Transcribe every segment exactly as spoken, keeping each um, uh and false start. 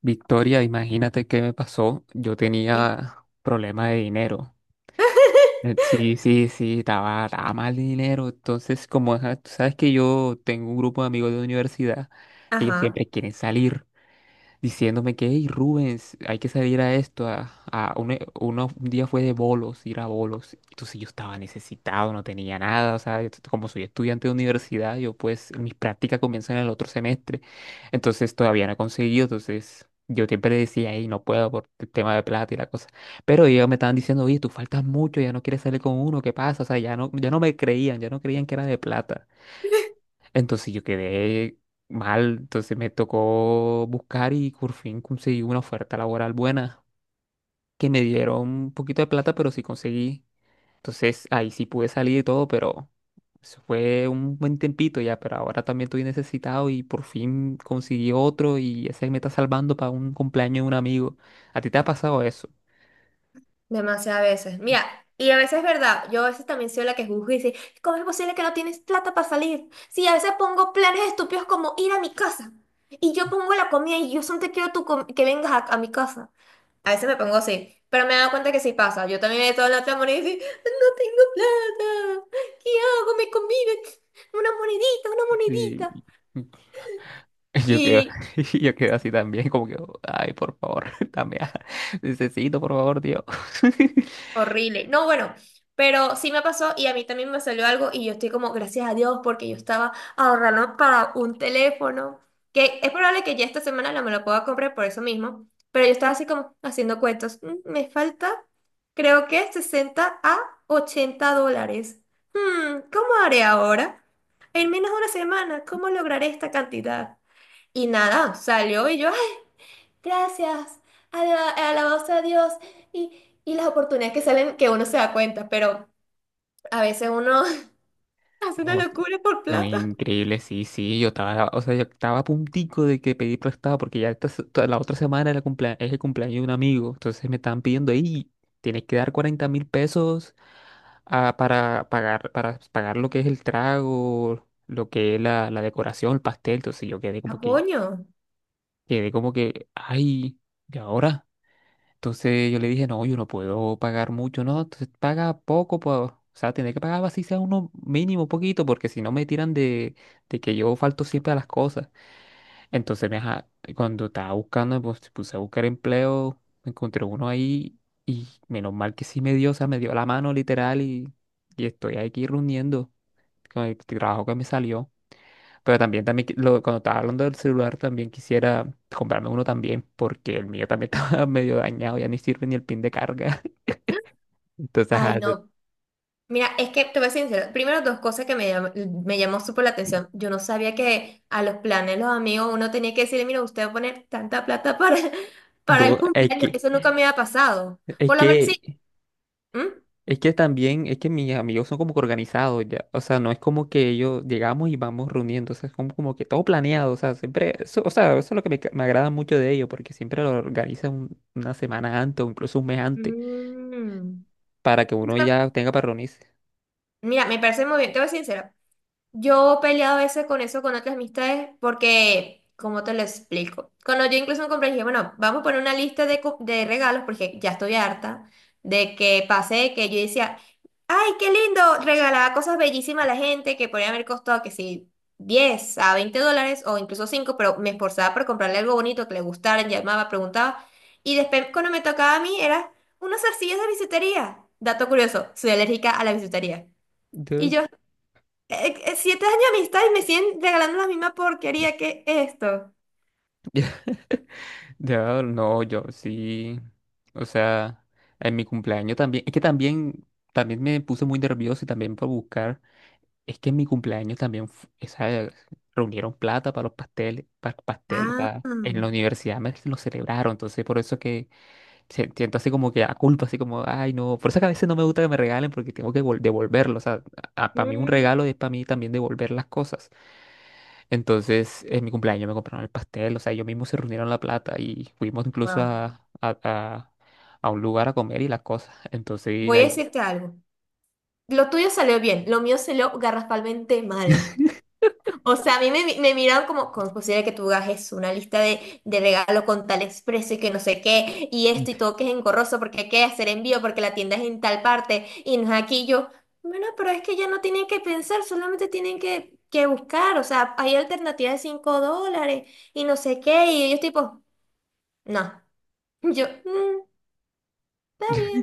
Victoria, imagínate qué me pasó. Yo Sí. tenía problema de dinero. Eh, Sí, sí, sí, estaba, estaba mal de dinero. Entonces, como ajá, tú sabes que yo tengo un grupo de amigos de universidad, ellos Ajá, siempre quieren salir diciéndome que, hey, Rubens, hay que salir a esto. A, a un, e- uno- un día fue de bolos, ir a bolos. Entonces yo estaba necesitado, no tenía nada. O sea, yo t- como soy estudiante de universidad, yo pues mis prácticas comienzan en el otro semestre. Entonces todavía no he conseguido. Entonces yo siempre le decía, hey, no puedo por el tema de plata y la cosa. Pero ellos me estaban diciendo, oye, tú faltas mucho, ya no quieres salir con uno, ¿qué pasa? O sea, ya no, ya no me creían, ya no creían que era de plata. Entonces yo quedé mal, entonces me tocó buscar y por fin conseguí una oferta laboral buena, que me dieron un poquito de plata, pero sí conseguí. Entonces ahí sí pude salir y todo, pero eso fue un buen tiempito ya, pero ahora también estoy necesitado y por fin conseguí otro y ese me está salvando para un cumpleaños de un amigo. ¿A ti te ha pasado eso? demasiadas veces. Mira, y a veces es verdad, yo a veces también soy la que juzgo y dice, ¿cómo es posible que no tienes plata para salir? Sí, a veces pongo planes estúpidos como ir a mi casa y yo pongo la comida y yo solo te quiero tú com- que vengas a, a mi casa. A veces me pongo así, pero me he dado cuenta que sí pasa. Yo también he todo la otra moneda y digo, no tengo plata, ¿qué hago? Me conviven una monedita, una monedita. Y yo quedo, yo quedo así también, como que, ay, por favor, también, necesito, por favor, Dios. Horrible. No, bueno, pero sí me pasó y a mí también me salió algo y yo estoy como, gracias a Dios, porque yo estaba ahorrando para un teléfono, que es probable que ya esta semana no me lo pueda comprar por eso mismo, pero yo estaba así como haciendo cuentos. "Mm, me falta, creo que sesenta a ochenta dólares. Hmm, ¿cómo haré ahora? En menos de una semana, ¿cómo lograré esta cantidad?" Y nada, salió y yo, ¡ah! Gracias, ala- alabados a Dios. Y, y las oportunidades que salen que uno se da cuenta, pero a veces uno hace una No, sí. locura por No, plata. increíble, sí, sí, yo estaba, o sea, yo estaba a puntico de que pedí prestado porque ya esta se- toda la otra semana era cumplea- es el cumpleaños de un amigo, entonces me estaban pidiendo ahí, tienes que dar cuarenta mil pesos ah, para pagar, para pagar lo que es el trago, lo que es la, la decoración, el pastel, entonces yo quedé ¿A como que, coño? quedé como que, ay, ¿y ahora? Entonces yo le dije, no, yo no puedo pagar mucho, no, entonces paga poco, po- o sea, tendré que pagar así sea uno mínimo, poquito, porque si no me tiran de, de que yo falto siempre a las cosas. Entonces, me ja- cuando estaba buscando, pues puse a buscar empleo, encontré uno ahí y menos mal que sí me dio, o sea, me dio la mano literal y, y estoy aquí reuniendo con el trabajo que me salió. Pero también, también qui- lo- cuando estaba hablando del celular, también quisiera comprarme uno también, porque el mío también estaba medio dañado, ya ni sirve ni el pin de carga. Entonces, Ay, ajá, no. Mira, es que te voy a ser sincera. Primero, dos cosas que me, llam- me llamó súper la atención. Yo no sabía que a los planes, los amigos, uno tenía que decirle, mira, usted va a poner tanta plata para, para du- el es que, cumpleaños. Eso nunca me había pasado. es Por lo menos sí. que, ¿Mm? es que también, es que mis amigos son como que organizados ya. O sea, no es como que ellos llegamos y vamos reuniendo. O sea, es como, como que todo planeado. O sea, siempre, eso, o sea, eso es lo que me, ca- me agrada mucho de ellos, porque siempre lo organizan un- una semana antes o incluso un mes antes, Mm. para que uno ya tenga para reunirse. Mira, me parece muy bien. Te voy a ser sincera. Yo he peleado a veces con eso con otras amistades porque, ¿cómo te lo explico? Cuando yo incluso me compré, dije, bueno, vamos a poner una lista de, co- de regalos porque ya estoy harta de que pasé, que yo decía, ay, qué lindo, regalaba cosas bellísimas a la gente que podría haber costado que sí, diez a veinte dólares o incluso cinco, pero me esforzaba por comprarle algo bonito que le gustara, llamaba, preguntaba. Y después cuando me tocaba a mí era unas arcillas de bisutería. Dato curioso, soy alérgica a la bisutería. Y Duh. yo, eh, eh, siete años de amistad y me siguen regalando la misma porquería que esto. Ya, no, yo sí. O sea, en mi cumpleaños también. Es que también, también me puse muy nervioso y también por buscar. Es que en mi cumpleaños también fu- esa, reunieron plata para los pasteles, para pastel, o Ah, sea, en la universidad me lo celebraron, entonces por eso que se- siento así como que a culpa, así como, ay no, por eso que a veces no me gusta que me regalen porque tengo que vol- devolverlo, o sea, para mí un mm. regalo es para mí también devolver las cosas. Entonces en mi cumpleaños me compraron el pastel, o sea, ellos mismos se reunieron la plata y fuimos incluso Wow. a, a, a, a un lugar a comer y las cosas, entonces Voy a ahí... decirte algo. Lo tuyo salió bien, lo mío salió garrafalmente mal. O sea, a mí me, me miraron como, ¿cómo es posible que tú hagas eso? ¿Una lista de, de regalo con tal expreso y que no sé qué, y esto y todo que es engorroso porque hay que hacer envío porque la tienda es en tal parte y no es aquí? Y yo, bueno, pero es que ya no tienen que pensar, solamente tienen que, que buscar, o sea, hay alternativas de cinco dólares y no sé qué, y ellos tipo, no, yo, "Mm, está bien."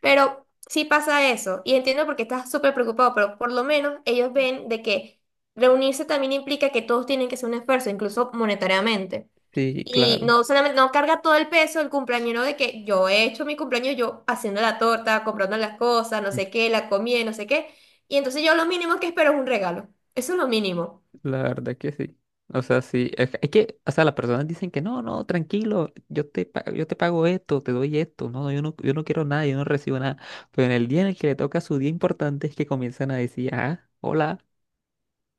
Pero sí pasa eso, y entiendo porque qué estás súper preocupado, pero por lo menos ellos ven de que reunirse también implica que todos tienen que hacer un esfuerzo, incluso monetariamente. Sí, Y claro. no solamente, no carga todo el peso el cumpleañero de que yo he hecho mi cumpleaños yo haciendo la torta, comprando las cosas, no sé qué, la comida, no sé qué. Y entonces yo lo mínimo que espero es un regalo. Eso es lo mínimo. La verdad que sí. O sea, sí. Es que, es que, o sea, las personas dicen que no, no, tranquilo, yo te, pa- yo te pago esto, te doy esto. No, yo no, yo no quiero nada, yo no recibo nada. Pero en el día en el que le toca su día importante es que comienzan a decir, ah, hola,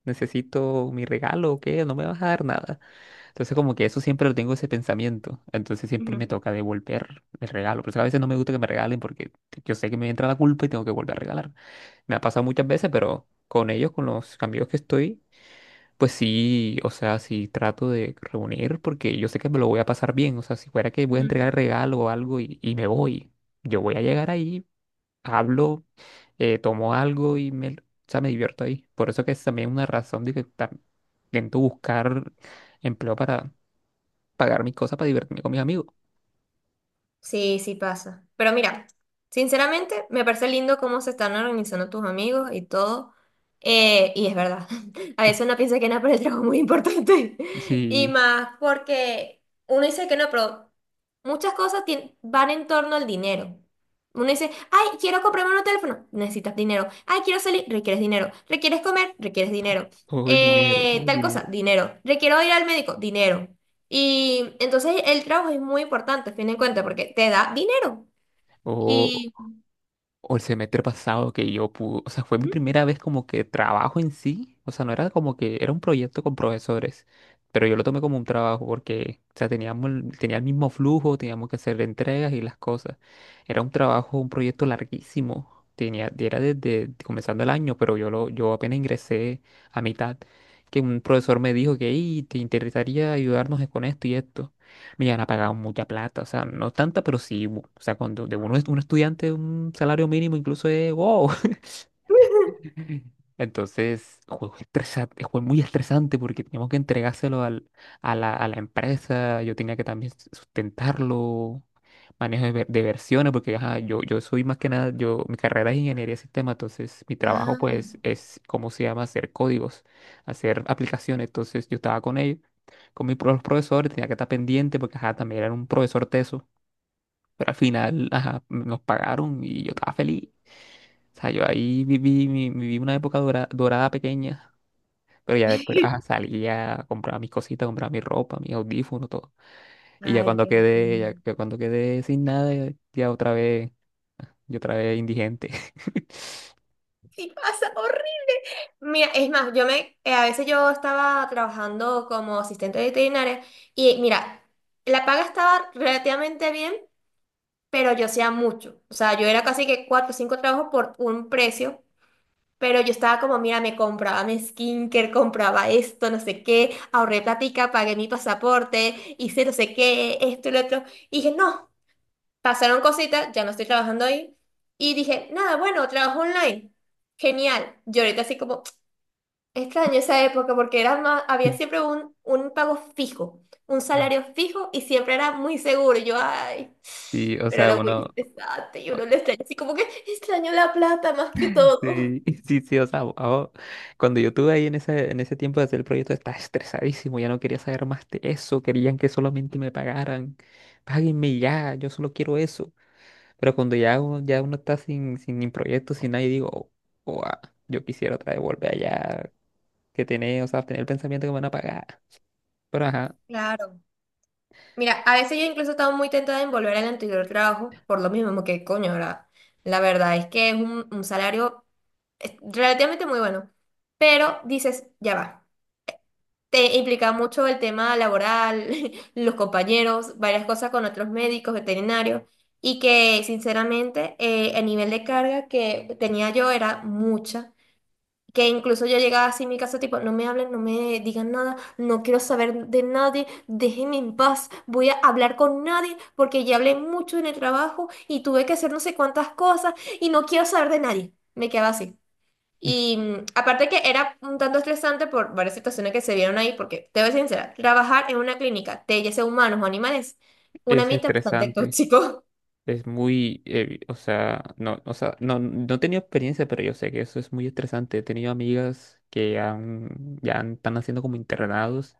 necesito mi regalo o qué, no me vas a dar nada. Entonces, como que eso siempre lo tengo ese pensamiento. Entonces, siempre me Ujú, toca devolver el regalo. Por eso a veces no me gusta que me regalen porque yo sé que me entra la culpa y tengo que volver a regalar. Me ha pasado muchas veces, pero con ellos, con los amigos que estoy. Pues sí, o sea, sí trato de reunir porque yo sé que me lo voy a pasar bien. O sea, si fuera que voy a entregar el ujú. regalo o algo y, y me voy, yo voy a llegar ahí, hablo, eh, tomo algo y me, o sea, me divierto ahí. Por eso que es también una razón de que tam- intento buscar empleo para pagar mis cosas, para divertirme con mis amigos. Sí, sí pasa. Pero mira, sinceramente me parece lindo cómo se están organizando tus amigos y todo. Eh, y es verdad, a veces uno piensa que no, pero el trabajo es muy importante. Y Sí, más porque uno dice que no, pero muchas cosas tien- van en torno al dinero. Uno dice, ay, quiero comprarme un teléfono, necesitas dinero. Ay, quiero salir, requieres dinero. Requieres comer, requieres dinero. todo es dinero, Eh, todo es Tal cosa, dinero. dinero. Requiero ir al médico, dinero. Y entonces el trabajo es muy importante, a fin de cuentas, porque te da dinero. Y... O el semestre pasado que yo pude, o sea, fue mi ¿Mm? primera vez como que trabajo en sí, o sea, no era como que era un proyecto con profesores, pero yo lo tomé como un trabajo porque, o sea, teníamos, el- tenía el mismo flujo, teníamos que hacer entregas y las cosas. Era un trabajo, un proyecto larguísimo, tenía, era desde comenzando el año, pero yo, lo, yo apenas ingresé a mitad, que un profesor me dijo que, "Ey, te interesaría ayudarnos con esto y esto. Me han pagado mucha plata, o sea, no tanta, pero sí, bu- o sea, cuando de uno es un estudiante, un salario mínimo incluso es wow. Entonces, juego estresante, juego muy estresante porque teníamos que entregárselo al, a la, a la empresa, yo tenía que también s- sustentarlo, manejo de, ver- de versiones, porque ajá, yo, yo soy más que nada, yo, mi carrera es ingeniería de sistema, entonces mi trabajo Ah. pues es, ¿cómo se llama? Hacer códigos, hacer aplicaciones, entonces yo estaba con ellos, con mis pro- los profesores, tenía que estar pendiente porque ajá, también era un profesor teso. Pero al final, ajá, nos pagaron y yo estaba feliz. O sea, yo ahí viví, mi- viví una época dora- dorada pequeña, pero ya después ajá, salía, compraba mis cositas, compraba mi ropa, mis audífonos, todo. Y ya Ay, cuando qué quedé, ya, lindo. ya cuando quedé sin nada, ya, ya otra vez, yo otra vez indigente. Sí, pasa horrible. Mira, es más, yo me, eh, a veces yo estaba trabajando como asistente veterinaria y mira, la paga estaba relativamente bien, pero yo hacía mucho. O sea, yo era casi que cuatro o cinco trabajos por un precio. Pero yo estaba como, mira, me compraba mi skincare, compraba esto, no sé qué, ahorré platica, pagué mi pasaporte, hice no sé qué, esto y lo otro. Y dije, no, pasaron cositas, ya no estoy trabajando ahí. Y dije, nada, bueno, trabajo online. Genial. Yo ahorita así como, extraño esa época porque era más, había sí siempre un, un pago fijo, un salario fijo y siempre era muy seguro. Y yo, ay, o pero sea, era muy uno, estresante y uno lo extraña así como que extraño la plata más que todo. Sí, sí, sí, o sea, ahora- cuando yo estuve ahí en ese, en ese tiempo de hacer el proyecto estaba estresadísimo, ya no quería saber más de eso, querían que solamente me pagaran, páguenme ya, yo solo quiero eso. Pero cuando ya uno, ya uno está sin, sin ni proyecto, sin nadie, digo, "Oh, oh, ah, yo quisiera otra vez volver allá, que tener, o sea, tener el pensamiento que me van a pagar. Pero ajá, Claro. Mira, a veces yo incluso estaba muy tentada en volver al anterior trabajo, por lo mismo que, coño, ahora, la verdad es que es un, un salario eh, relativamente muy bueno, pero dices, ya va, te implica mucho el tema laboral, los compañeros, varias cosas con otros médicos, veterinarios, y que sinceramente eh, el nivel de carga que tenía yo era mucha. Que incluso yo llegaba así en mi casa, tipo, no me hablen, no me digan nada, no quiero saber de nadie, déjenme en paz, voy a hablar con nadie porque ya hablé mucho en el trabajo y tuve que hacer no sé cuántas cosas y no quiero saber de nadie. Me quedaba así. Y mm, aparte que era un tanto estresante por varias situaciones que se vieron ahí, porque te voy a ser sincera, trabajar en una clínica de ya sea humanos o animales, un es ambiente bastante estresante. tóxico. Es muy, eh, o sea, no, o sea, no, no he tenido experiencia, pero yo sé que eso es muy estresante. He tenido amigas que han, ya han- están haciendo como internados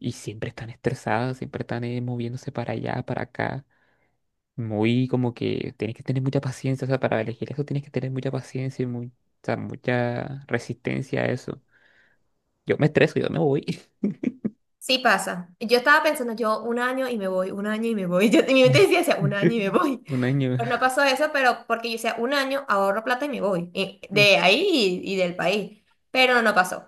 y siempre están estresadas, siempre están eh, moviéndose para allá, para acá. Muy como que tienes que tener mucha paciencia, o sea, para elegir eso tienes que tener mucha paciencia y muy, o sea, mucha resistencia a eso. Yo me estreso, yo me voy. Sí pasa. Yo estaba pensando, yo un año y me voy, un año y me voy. Yo, en mi mente decía, decía, un año y me voy. Un año. Pero no pasó eso, pero porque yo decía, un año ahorro plata y me voy. Y- de ahí y, y del país. Pero no pasó.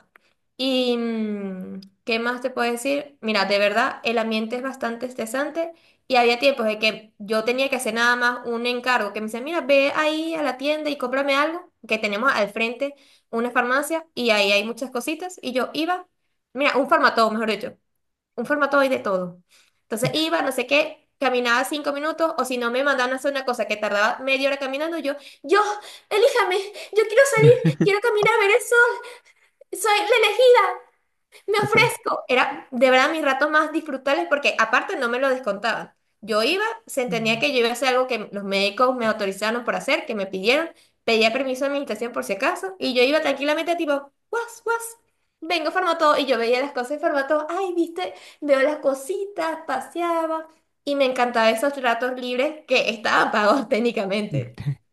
¿Y mm, qué más te puedo decir? Mira, de verdad, el ambiente es bastante estresante y había tiempos de que yo tenía que hacer nada más un encargo que me decía, mira, ve ahí a la tienda y cómprame algo, que tenemos al frente una farmacia y ahí hay muchas cositas. Y yo iba, mira, un farmatodo, mejor dicho un formato hoy de todo. Entonces iba, no sé qué, caminaba cinco minutos, o si no me mandaban a hacer una cosa que tardaba media hora caminando, yo, yo, elíjame, yo quiero salir, quiero caminar a ver el sol, soy la elegida. Me O sea. ofrezco. Era de verdad mis ratos más disfrutables porque aparte no me lo descontaban. Yo iba, se entendía que yo iba a hacer algo que los médicos me autorizaron por hacer, que me pidieron, pedía permiso de administración por si acaso, y yo iba tranquilamente tipo, guas, guas, vengo todo y yo veía las cosas en todo ay, viste, veo las cositas, paseaba, y me encantaba esos ratos libres que estaban pagos técnicamente.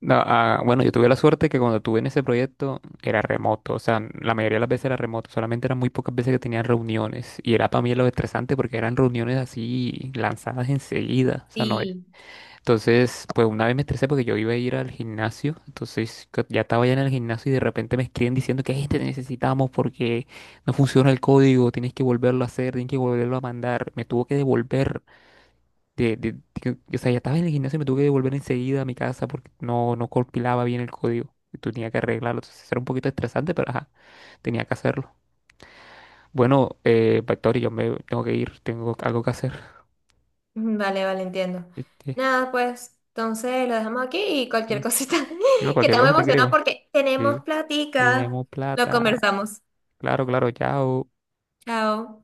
No, ah, bueno, yo tuve la suerte que cuando tuve en ese proyecto era remoto, o sea, la mayoría de las veces era remoto, solamente eran muy pocas veces que tenían reuniones y era para mí lo estresante porque eran reuniones así lanzadas enseguida, o sea, no es. Entonces, pues una vez me estresé porque yo iba a ir al gimnasio, entonces co- ya estaba ya en el gimnasio y de repente me escriben diciendo que "Ey, te necesitamos porque no, funciona el código, tienes que volverlo a hacer, tienes que volverlo a mandar, me tuvo que devolver de- de- que- o sea, ya estaba en el gimnasio y me tuve que devolver enseguida a mi casa porque no, no compilaba bien el código. Y tenía que arreglarlo. Entonces era un poquito estresante, pero ajá, tenía que hacerlo. Bueno, eh, Factory, yo me tengo que ir, tengo algo que hacer. Vale, vale, entiendo. Este, Nada, pues entonces lo dejamos aquí y cualquier sí. cosita Yo que cualquier estamos cosa te emocionados creo. porque tenemos Sí, platica. bien, Lo plata. conversamos. Claro, claro, chao. Chao.